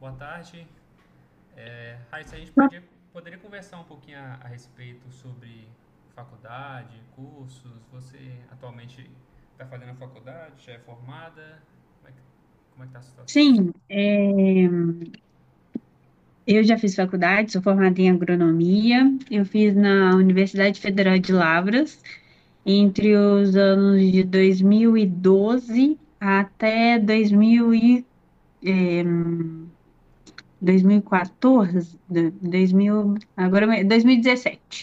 Boa tarde. Raíssa, a gente poderia conversar um pouquinho a respeito sobre faculdade, cursos. Você atualmente está fazendo a faculdade, já é formada? Como é que, como é que tá a situação? Sim, eu já fiz faculdade, sou formada em agronomia. Eu fiz na Universidade Federal de Lavras entre os anos de 2012 até 2000 e, é, 2014, do- 2000, agora 2017,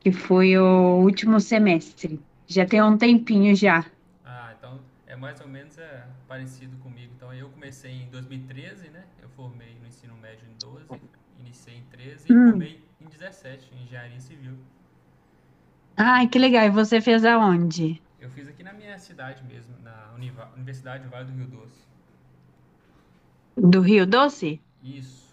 que foi o último semestre. Já tem um tempinho já. Ah, então é mais ou menos parecido comigo. Então eu comecei em 2013, né? Eu formei no ensino médio em 12, iniciei em 13 e Hum. formei em 17, em engenharia civil. Então Ai, que legal. E você fez aonde? eu fiz aqui na minha cidade mesmo, na Universidade do Vale do Rio Doce. Do Rio Doce? Isso.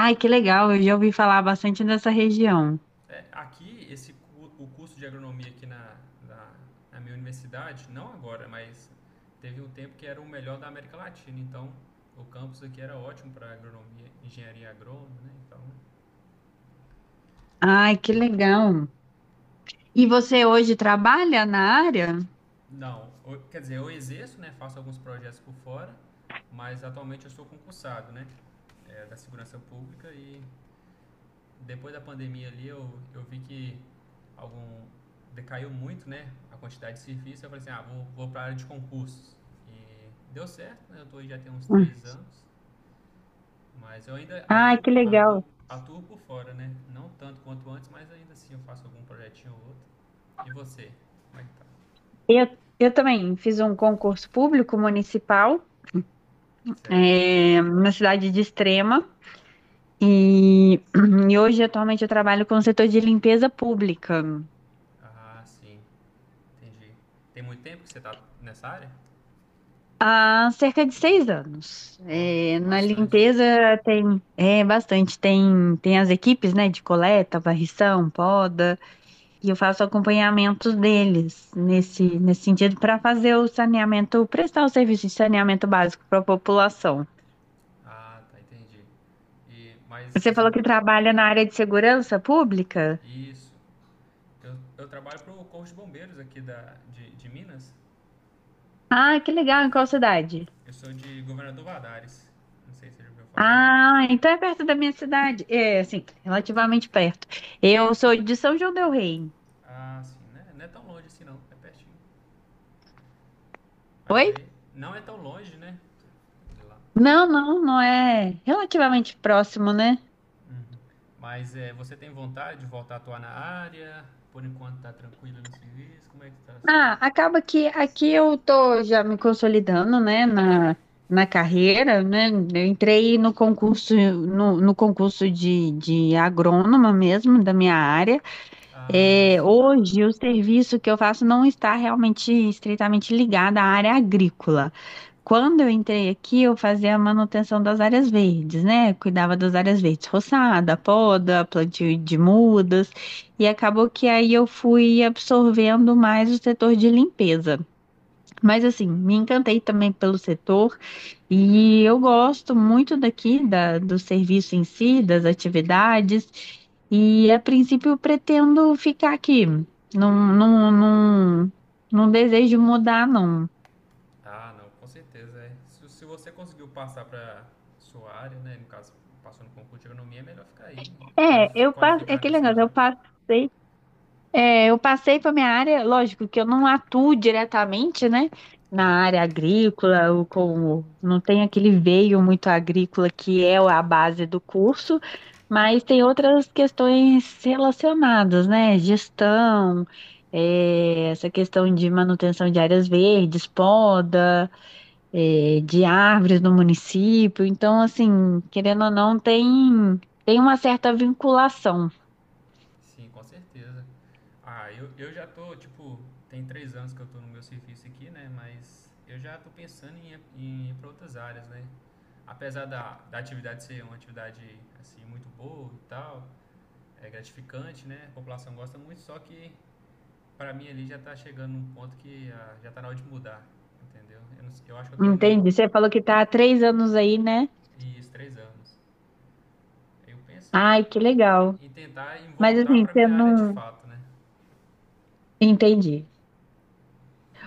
Ai, que legal. Eu já ouvi falar bastante dessa região. É, aqui, esse, o curso de agronomia aqui na, na minha universidade, não agora, mas teve um tempo que era o melhor da América Latina. Então, o campus aqui era ótimo para agronomia, engenharia agrônoma, né? Então, Ai, que legal. E você hoje trabalha na área? não, quer dizer, eu exerço, né? Faço alguns projetos por fora, mas atualmente eu sou concursado, né? É, da segurança pública e depois da pandemia ali, eu vi que algum decaiu muito, né, a quantidade de serviço. Eu falei assim, ah, vou para a área de concursos. E deu certo, né? Eu tô aí já tem uns Hum. 3 anos, mas eu ainda Ai, que legal. atuo por fora, né? Não tanto quanto antes, mas ainda assim eu faço algum projetinho ou outro. E você? Como é que tá? Eu, eu também fiz um concurso público municipal, Certo. Na cidade de Extrema. E, e hoje, atualmente, eu trabalho com o setor de limpeza pública Ah, sim. Entendi. Tem muito tempo que você tá nessa área? há cerca de 6 anos. Ó, É, na bastante. limpeza tem bastante, tem as equipes, né, de coleta, varrição, poda. E eu faço acompanhamento deles nesse sentido para fazer o saneamento, prestar o serviço de saneamento básico para a população. Ah, tá, entendi. E, mas Você você... falou que trabalha na área de segurança pública? Isso. Eu trabalho para o Corpo de Bombeiros aqui de Minas. Ah, que legal, em É, qual cidade? eu sou de Governador Valadares. Não sei se você já ouviu falar. Ah, então é perto da minha cidade. É, assim, relativamente perto. Eu sou de São João del Rei. Ah, sim, né? Não é tão longe assim não, é pertinho. Mas Oi? aí, não é tão longe, né? De lá. Não, não, não é relativamente próximo, né? Uhum. Mas é, você tem vontade de voltar a atuar na área? Por enquanto tá tranquilo no serviço? Como é que tá? Ah, acaba que aqui eu tô já me consolidando, né, na carreira, né? Eu entrei no concurso, no concurso de agrônoma mesmo, da minha área. Ah, É, sim. hoje, o serviço que eu faço não está realmente estritamente ligado à área agrícola. Quando eu entrei aqui, eu fazia a manutenção das áreas verdes, né? Cuidava das áreas verdes, roçada, poda, plantio de mudas, e acabou que aí eu fui absorvendo mais o setor de limpeza. Mas assim, me encantei também pelo setor. E eu gosto muito daqui do serviço em si, das atividades, e a princípio eu pretendo ficar aqui. Não, não, não, não desejo mudar, não. Ah, não, com certeza. É. Se você conseguiu passar para sua área, né? No caso, passou no concurso de agronomia, é melhor ficar aí, É, eu passo, é qualificar aquele nessa negócio, eu região. passei É, eu passei para minha área, lógico que eu não atuo diretamente, né, na Aham. área agrícola, ou com não tem aquele veio muito agrícola que é a base do curso, mas tem outras questões relacionadas, né, gestão, essa questão de manutenção de áreas verdes, poda, de árvores no município. Então, assim, querendo ou não, tem uma certa vinculação. Sim, com certeza. Ah, eu já tô, tipo, tem 3 anos que eu tô no meu serviço aqui, né? Mas eu já tô pensando em, em ir para outras áreas, né? Apesar da atividade ser uma atividade, assim, muito boa e tal, é gratificante, né? A população gosta muito, só que pra mim ali já tá chegando num ponto que ah, já tá na hora de mudar, entendeu? Eu, não sei- eu acho que eu tô indo Entende? Você falou que está há 3 anos aí, né? isso 3 anos. Eu penso em, Ai, que legal. em tentar Mas voltar assim, pra você minha área de não. fato, né? Entendi.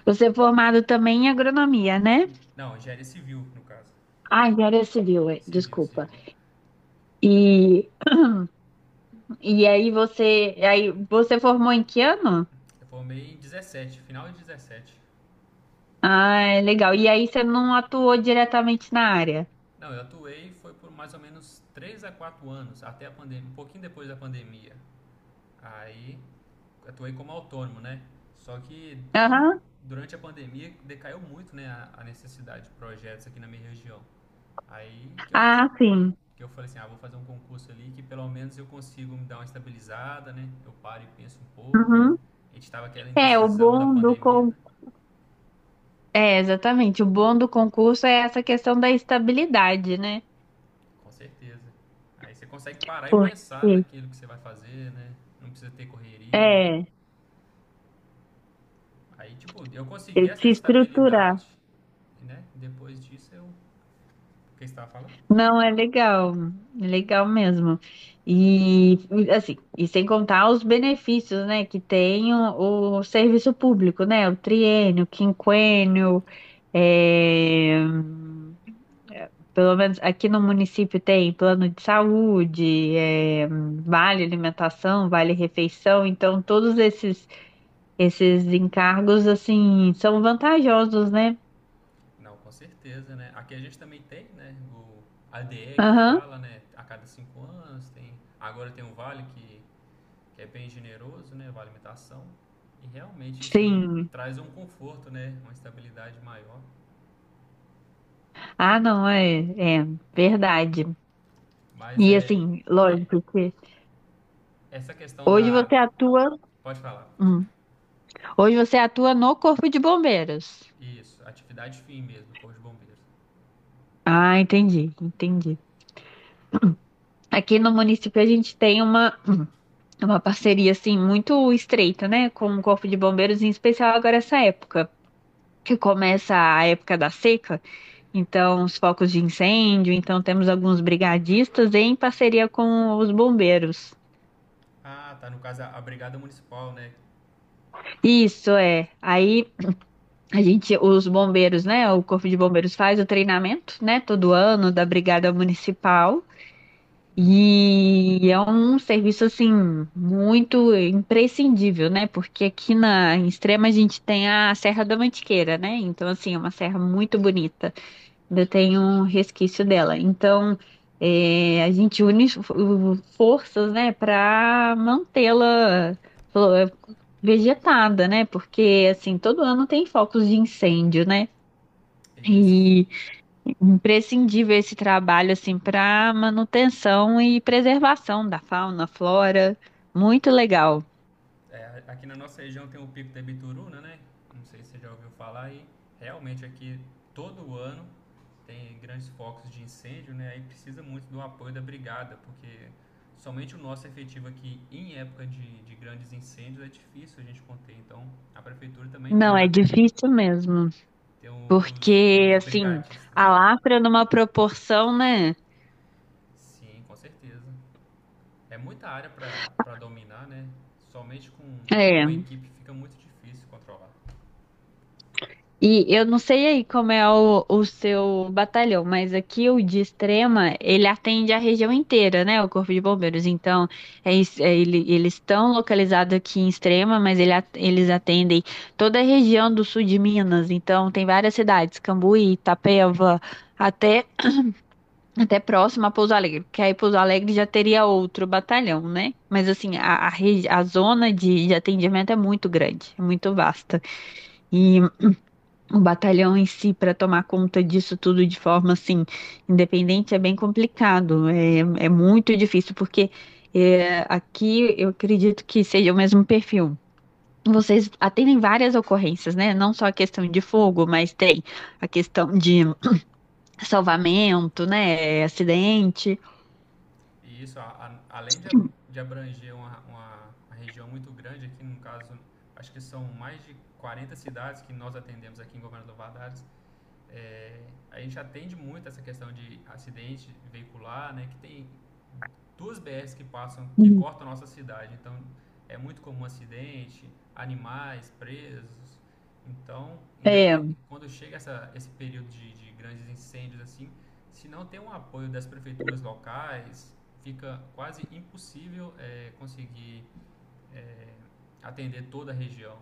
Você é formado também em agronomia, né? Não, engenharia civil, no caso. Ah, em área civil, é, Civil, desculpa. civil. E, aí você formou em que ano? Eu formei em 17, final de 17. Ah, legal. E aí você não atuou diretamente na área? Não, eu atuei foi por mais ou menos 3 a 4 anos, até a pandemia, um pouquinho depois da pandemia. Aí atuei como autônomo, né? Só que quando Aham. durante a pandemia decaiu muito, né, a necessidade de projetos aqui na minha região. Aí que eu ti- Ah, sim. que eu falei assim, ah, vou fazer um concurso ali que pelo menos eu consigo me dar uma estabilizada, né? Eu paro e penso um pouco, né? Uhum. A gente estava aquela É, o indecisão da bom do pandemia, con... né? É, exatamente. O bom do concurso é essa questão da estabilidade, né? Com certeza. Aí você consegue parar e pensar Porque, daquilo que você vai fazer, né? Não precisa ter correria. é, Aí, tipo, eu consegui ele essa se estruturar. estabilidade, né? Depois disso eu. O que você estava falando? Não, é legal mesmo. E assim, e sem contar os benefícios, né, que tem o serviço público, né? O triênio, o quinquênio, é, pelo menos aqui no município tem plano de saúde, vale alimentação, vale refeição, então todos esses encargos assim são vantajosos, né? Não, com certeza, né? Aqui a gente também tem, né? O ADE que Aham, fala, né? A cada 5 anos tem. Agora tem um vale que é bem generoso, né? Vale alimentação. E realmente isso aí sim. traz um conforto, né? Uma estabilidade maior. Ah, não, é verdade. Mas E é. assim, É lógico que essa questão hoje da. você atua, Pode falar, pode falar. hum, hoje você atua no Corpo de Bombeiros. Isso, atividade fim mesmo, Corpo de Bombeiros. Ah, entendi, entendi. Aqui no município a gente tem uma parceria assim muito estreita, né, com o Corpo de Bombeiros, em especial agora essa época, que começa a época da seca, então os focos de incêndio, então temos alguns brigadistas em parceria com os bombeiros. Ah, tá, no caso a Brigada Municipal, né? Isso é. Aí a gente, os bombeiros, né? O Corpo de Bombeiros faz o treinamento, né? Todo ano da Brigada Municipal. Uhum. E é um serviço, assim, muito imprescindível, né? Porque aqui na, em Extrema a gente tem a Serra da Mantiqueira, né? Então, assim, é uma serra muito bonita ainda tem um resquício dela. Então, a gente une forças, né, para mantê-la flo- vegetada, né? Porque assim, todo ano tem focos de incêndio, né? Isso. E imprescindível esse trabalho assim para manutenção e preservação da fauna, flora, muito legal. É, aqui na nossa região tem o Pico da Bituruna, né? Não sei se você já ouviu falar e realmente aqui todo ano tem grandes focos de incêndio, né? Aí precisa muito do apoio da brigada, porque somente o nosso efetivo aqui em época de grandes incêndios é difícil a gente conter. Então a prefeitura também tem Não, os, é difícil mesmo, tem o- os, porque os assim, brigadistas a aqui. lafra numa proporção, né? Sim, com certeza. É muita área para dominar, né? Somente com a É. equipe fica muito difícil controlar. E eu não sei aí como é o seu batalhão, mas aqui o de Extrema, ele atende a região inteira, né? O Corpo de Bombeiros. Então, é isso, é, eles estão localizados aqui em Extrema, mas eles atendem toda a região do sul de Minas. Então, tem várias cidades, Cambuí, Itapeva, até, até próximo a Pouso Alegre, porque aí Pouso Alegre já teria outro batalhão, né? Mas, assim, a zona de atendimento é muito grande, é muito vasta. E o batalhão em si, para tomar conta disso tudo de forma assim, independente, é bem complicado. É, é muito difícil, porque aqui eu acredito que seja o mesmo perfil. Vocês atendem várias ocorrências, né? Não só a questão de fogo, mas tem a questão de salvamento, né? Acidente. E isso, além de abranger uma região muito grande, aqui no caso, acho que são mais de 40 cidades que nós atendemos aqui em Governador Valadares. É, a gente atende muito essa questão de acidente veicular, né? Que tem duas BRs que passam, que Uhum. cortam a nossa cidade. Então, é muito comum acidente, animais presos. Então, É, quando chega essa, esse período de grandes incêndios assim, se não tem um apoio das prefeituras locais, fica quase impossível conseguir eh, atender toda a região.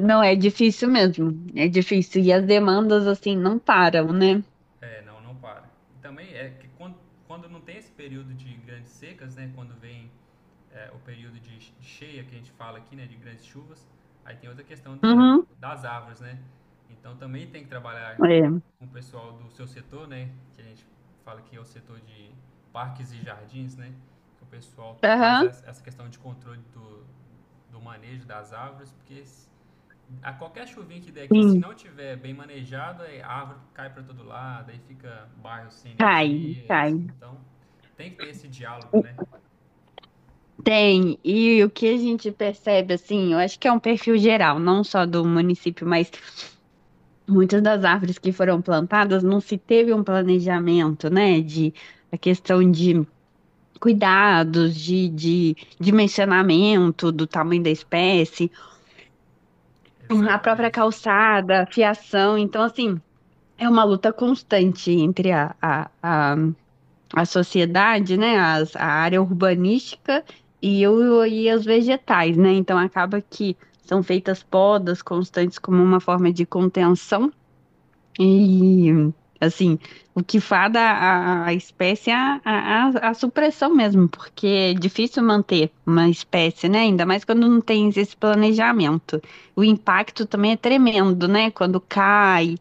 não, é difícil mesmo. É difícil. E as demandas, assim, não param, né? É, não, não para. Também é que quando não tem esse período de grandes secas, né, quando vem é, o período de cheia que a gente fala aqui, né, de grandes chuvas, aí tem outra questão da, Uhum. das árvores, né? Então também tem que trabalhar É. com o pessoal do seu setor, né, que a gente fala que é o setor de parques e jardins, né, que o pessoal faz Aham. essa questão de controle do manejo das árvores, porque a qualquer chuvinha que der aqui, se Sim, não tiver bem manejado, a árvore cai para todo lado, aí fica bairro sem cai, energia. cai. Assim, então, tem que ter esse diálogo, né? Tem, e o que a gente percebe, assim, eu acho que é um perfil geral, não só do município, mas muitas das árvores que foram plantadas não se teve um planejamento, né, de a questão de cuidados, de dimensionamento do tamanho da espécie, a própria Exatamente. calçada, a fiação, então, assim, é uma luta constante entre a sociedade, né, a área urbanística e os vegetais, né? Então acaba que são feitas podas constantes como uma forma de contenção e assim, o que fada a espécie é a supressão mesmo, porque é difícil manter uma espécie, né? Ainda mais quando não tem esse planejamento. O impacto também é tremendo, né? Quando cai,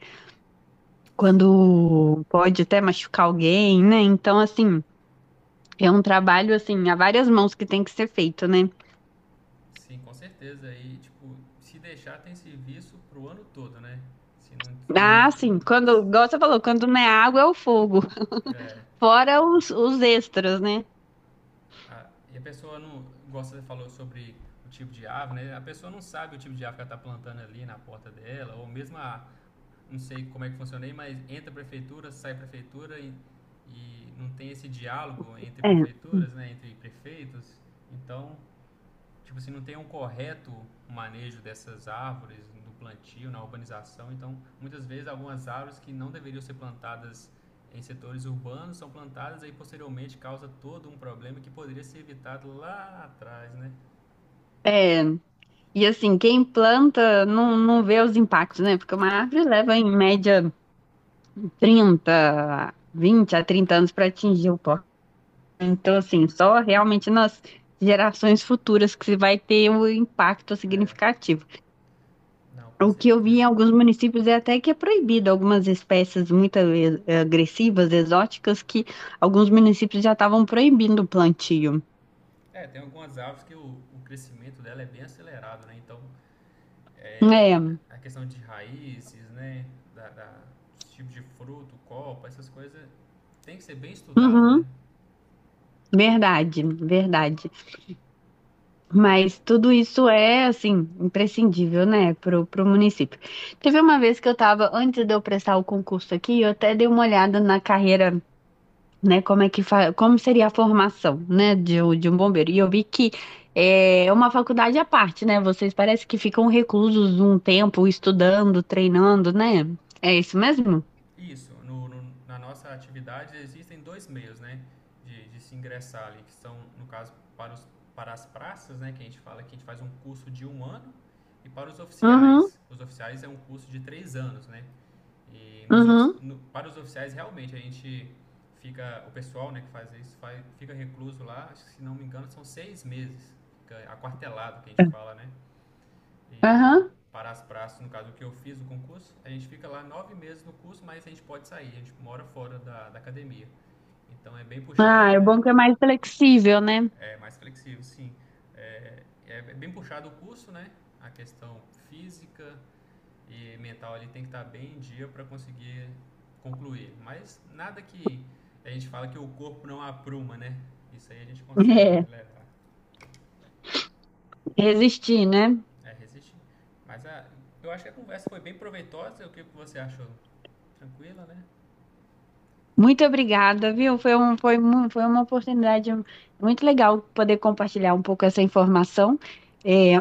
Sim, quando pode até machucar alguém, né? Então, assim, é um trabalho, assim, há várias mãos que tem que ser feito, né? sim, com certeza. E, tipo, se deixar, tem serviço pro ano todo, né? Se não. não- Ah, sim, quando, se- igual você falou, quando não é água, é o fogo. é, Fora os extras, né? a- E a pessoa não. Gosta, você falou sobre o tipo de ave, né? A pessoa não sabe o tipo de ave que ela tá plantando ali na porta dela, ou mesmo a não sei como é que funciona aí, mas entra a prefeitura, sai a prefeitura e não tem esse diálogo entre É. prefeituras, né, entre prefeitos. Então, tipo assim, não tem um correto manejo dessas árvores no plantio, na urbanização. Então, muitas vezes algumas árvores que não deveriam ser plantadas em setores urbanos são plantadas e posteriormente causa todo um problema que poderia ser evitado lá atrás, né? É. E assim, quem planta não, não vê os impactos, né? Porque uma árvore leva em média 30, 20 a 30 anos para atingir o pó. Então, assim, só realmente nas gerações futuras que se vai ter um impacto significativo. Não, com O que eu vi em certeza. alguns municípios é até que é proibido algumas espécies muito agressivas, exóticas, que alguns municípios já estavam proibindo o plantio. É, tem algumas árvores que o crescimento dela é bem acelerado, né? Então, é, É, a questão de raízes, né? Da, da, dos tipos de fruto, copa, essas coisas tem que ser bem estudado, né? uhum, verdade, verdade. Então é Mas tudo isso é, assim, imprescindível, né, pro, pro município. Teve uma vez que eu estava, antes de eu prestar o concurso aqui, eu até dei uma olhada na carreira né? Como é que fa... Como seria a formação, né, de um bombeiro? E eu vi que é uma faculdade à parte, né? Vocês parece que ficam reclusos um tempo estudando, treinando, né? É isso mesmo? isso. No, no- na nossa atividade existem dois meios, né? De se ingressar ali, que são, no caso, para, os, para as praças, né? Que a gente fala que a gente faz um curso de um ano e para os Uhum, oficiais. Os oficiais é um curso de 3 anos, né? E nos uhum, no- para os oficiais, realmente, a gente fica. O pessoal né, que fica recluso lá, acho que, se não me engano, são 6 meses. Fica aquartelado, que a gente fala, né? E aham. para as praças, no caso, o que eu fiz o concurso, a gente fica lá 9 meses no curso, mas a gente pode sair, a gente mora fora da academia. Então é bem Ah, puxado, é bom né? que é mais flexível, né? É mais flexível, sim. É, é bem puxado o curso, né? A questão física, e mental ali tem que estar bem em dia para conseguir concluir. Mas nada que a gente fala que o corpo não apruma, né? Isso aí a gente consegue É, levar, resistir, né? é, resistir. Mas a, eu acho que a conversa foi bem proveitosa. O que você achou? Tranquila, né? Muito obrigada, viu? Foi um, foi, mu- Foi uma oportunidade muito legal poder compartilhar um pouco essa informação. É,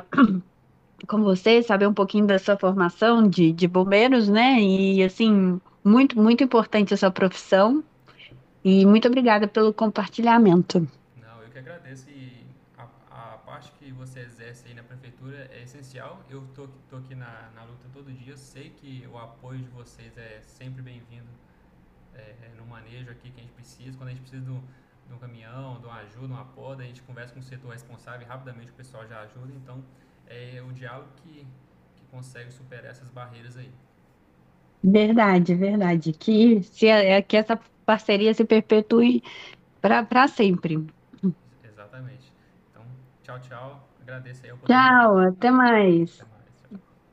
com você, saber um pouquinho da sua formação de bombeiros, né? E assim, muito, muito importante a sua profissão. E muito obrigada pelo compartilhamento. Não, eu que agradeço e a, a parte que você exerce aí na prefeitura é essencial. Eu tô aqui na luta todo dia. Eu sei que o apoio de vocês é sempre bem-vindo é, é, no manejo aqui que a gente precisa. Quando a gente precisa do um, de um caminhão, de uma ajuda, uma poda, a gente conversa com o setor responsável e rapidamente o pessoal já ajuda. Então, é o diálogo que consegue superar essas barreiras aí. Verdade, verdade. Tá? Que essa parceria se perpetue para para sempre. Exatamente. Então, tchau, tchau. Agradeço aí a Tchau, oportunidade. até mais. Até mais. Tchau.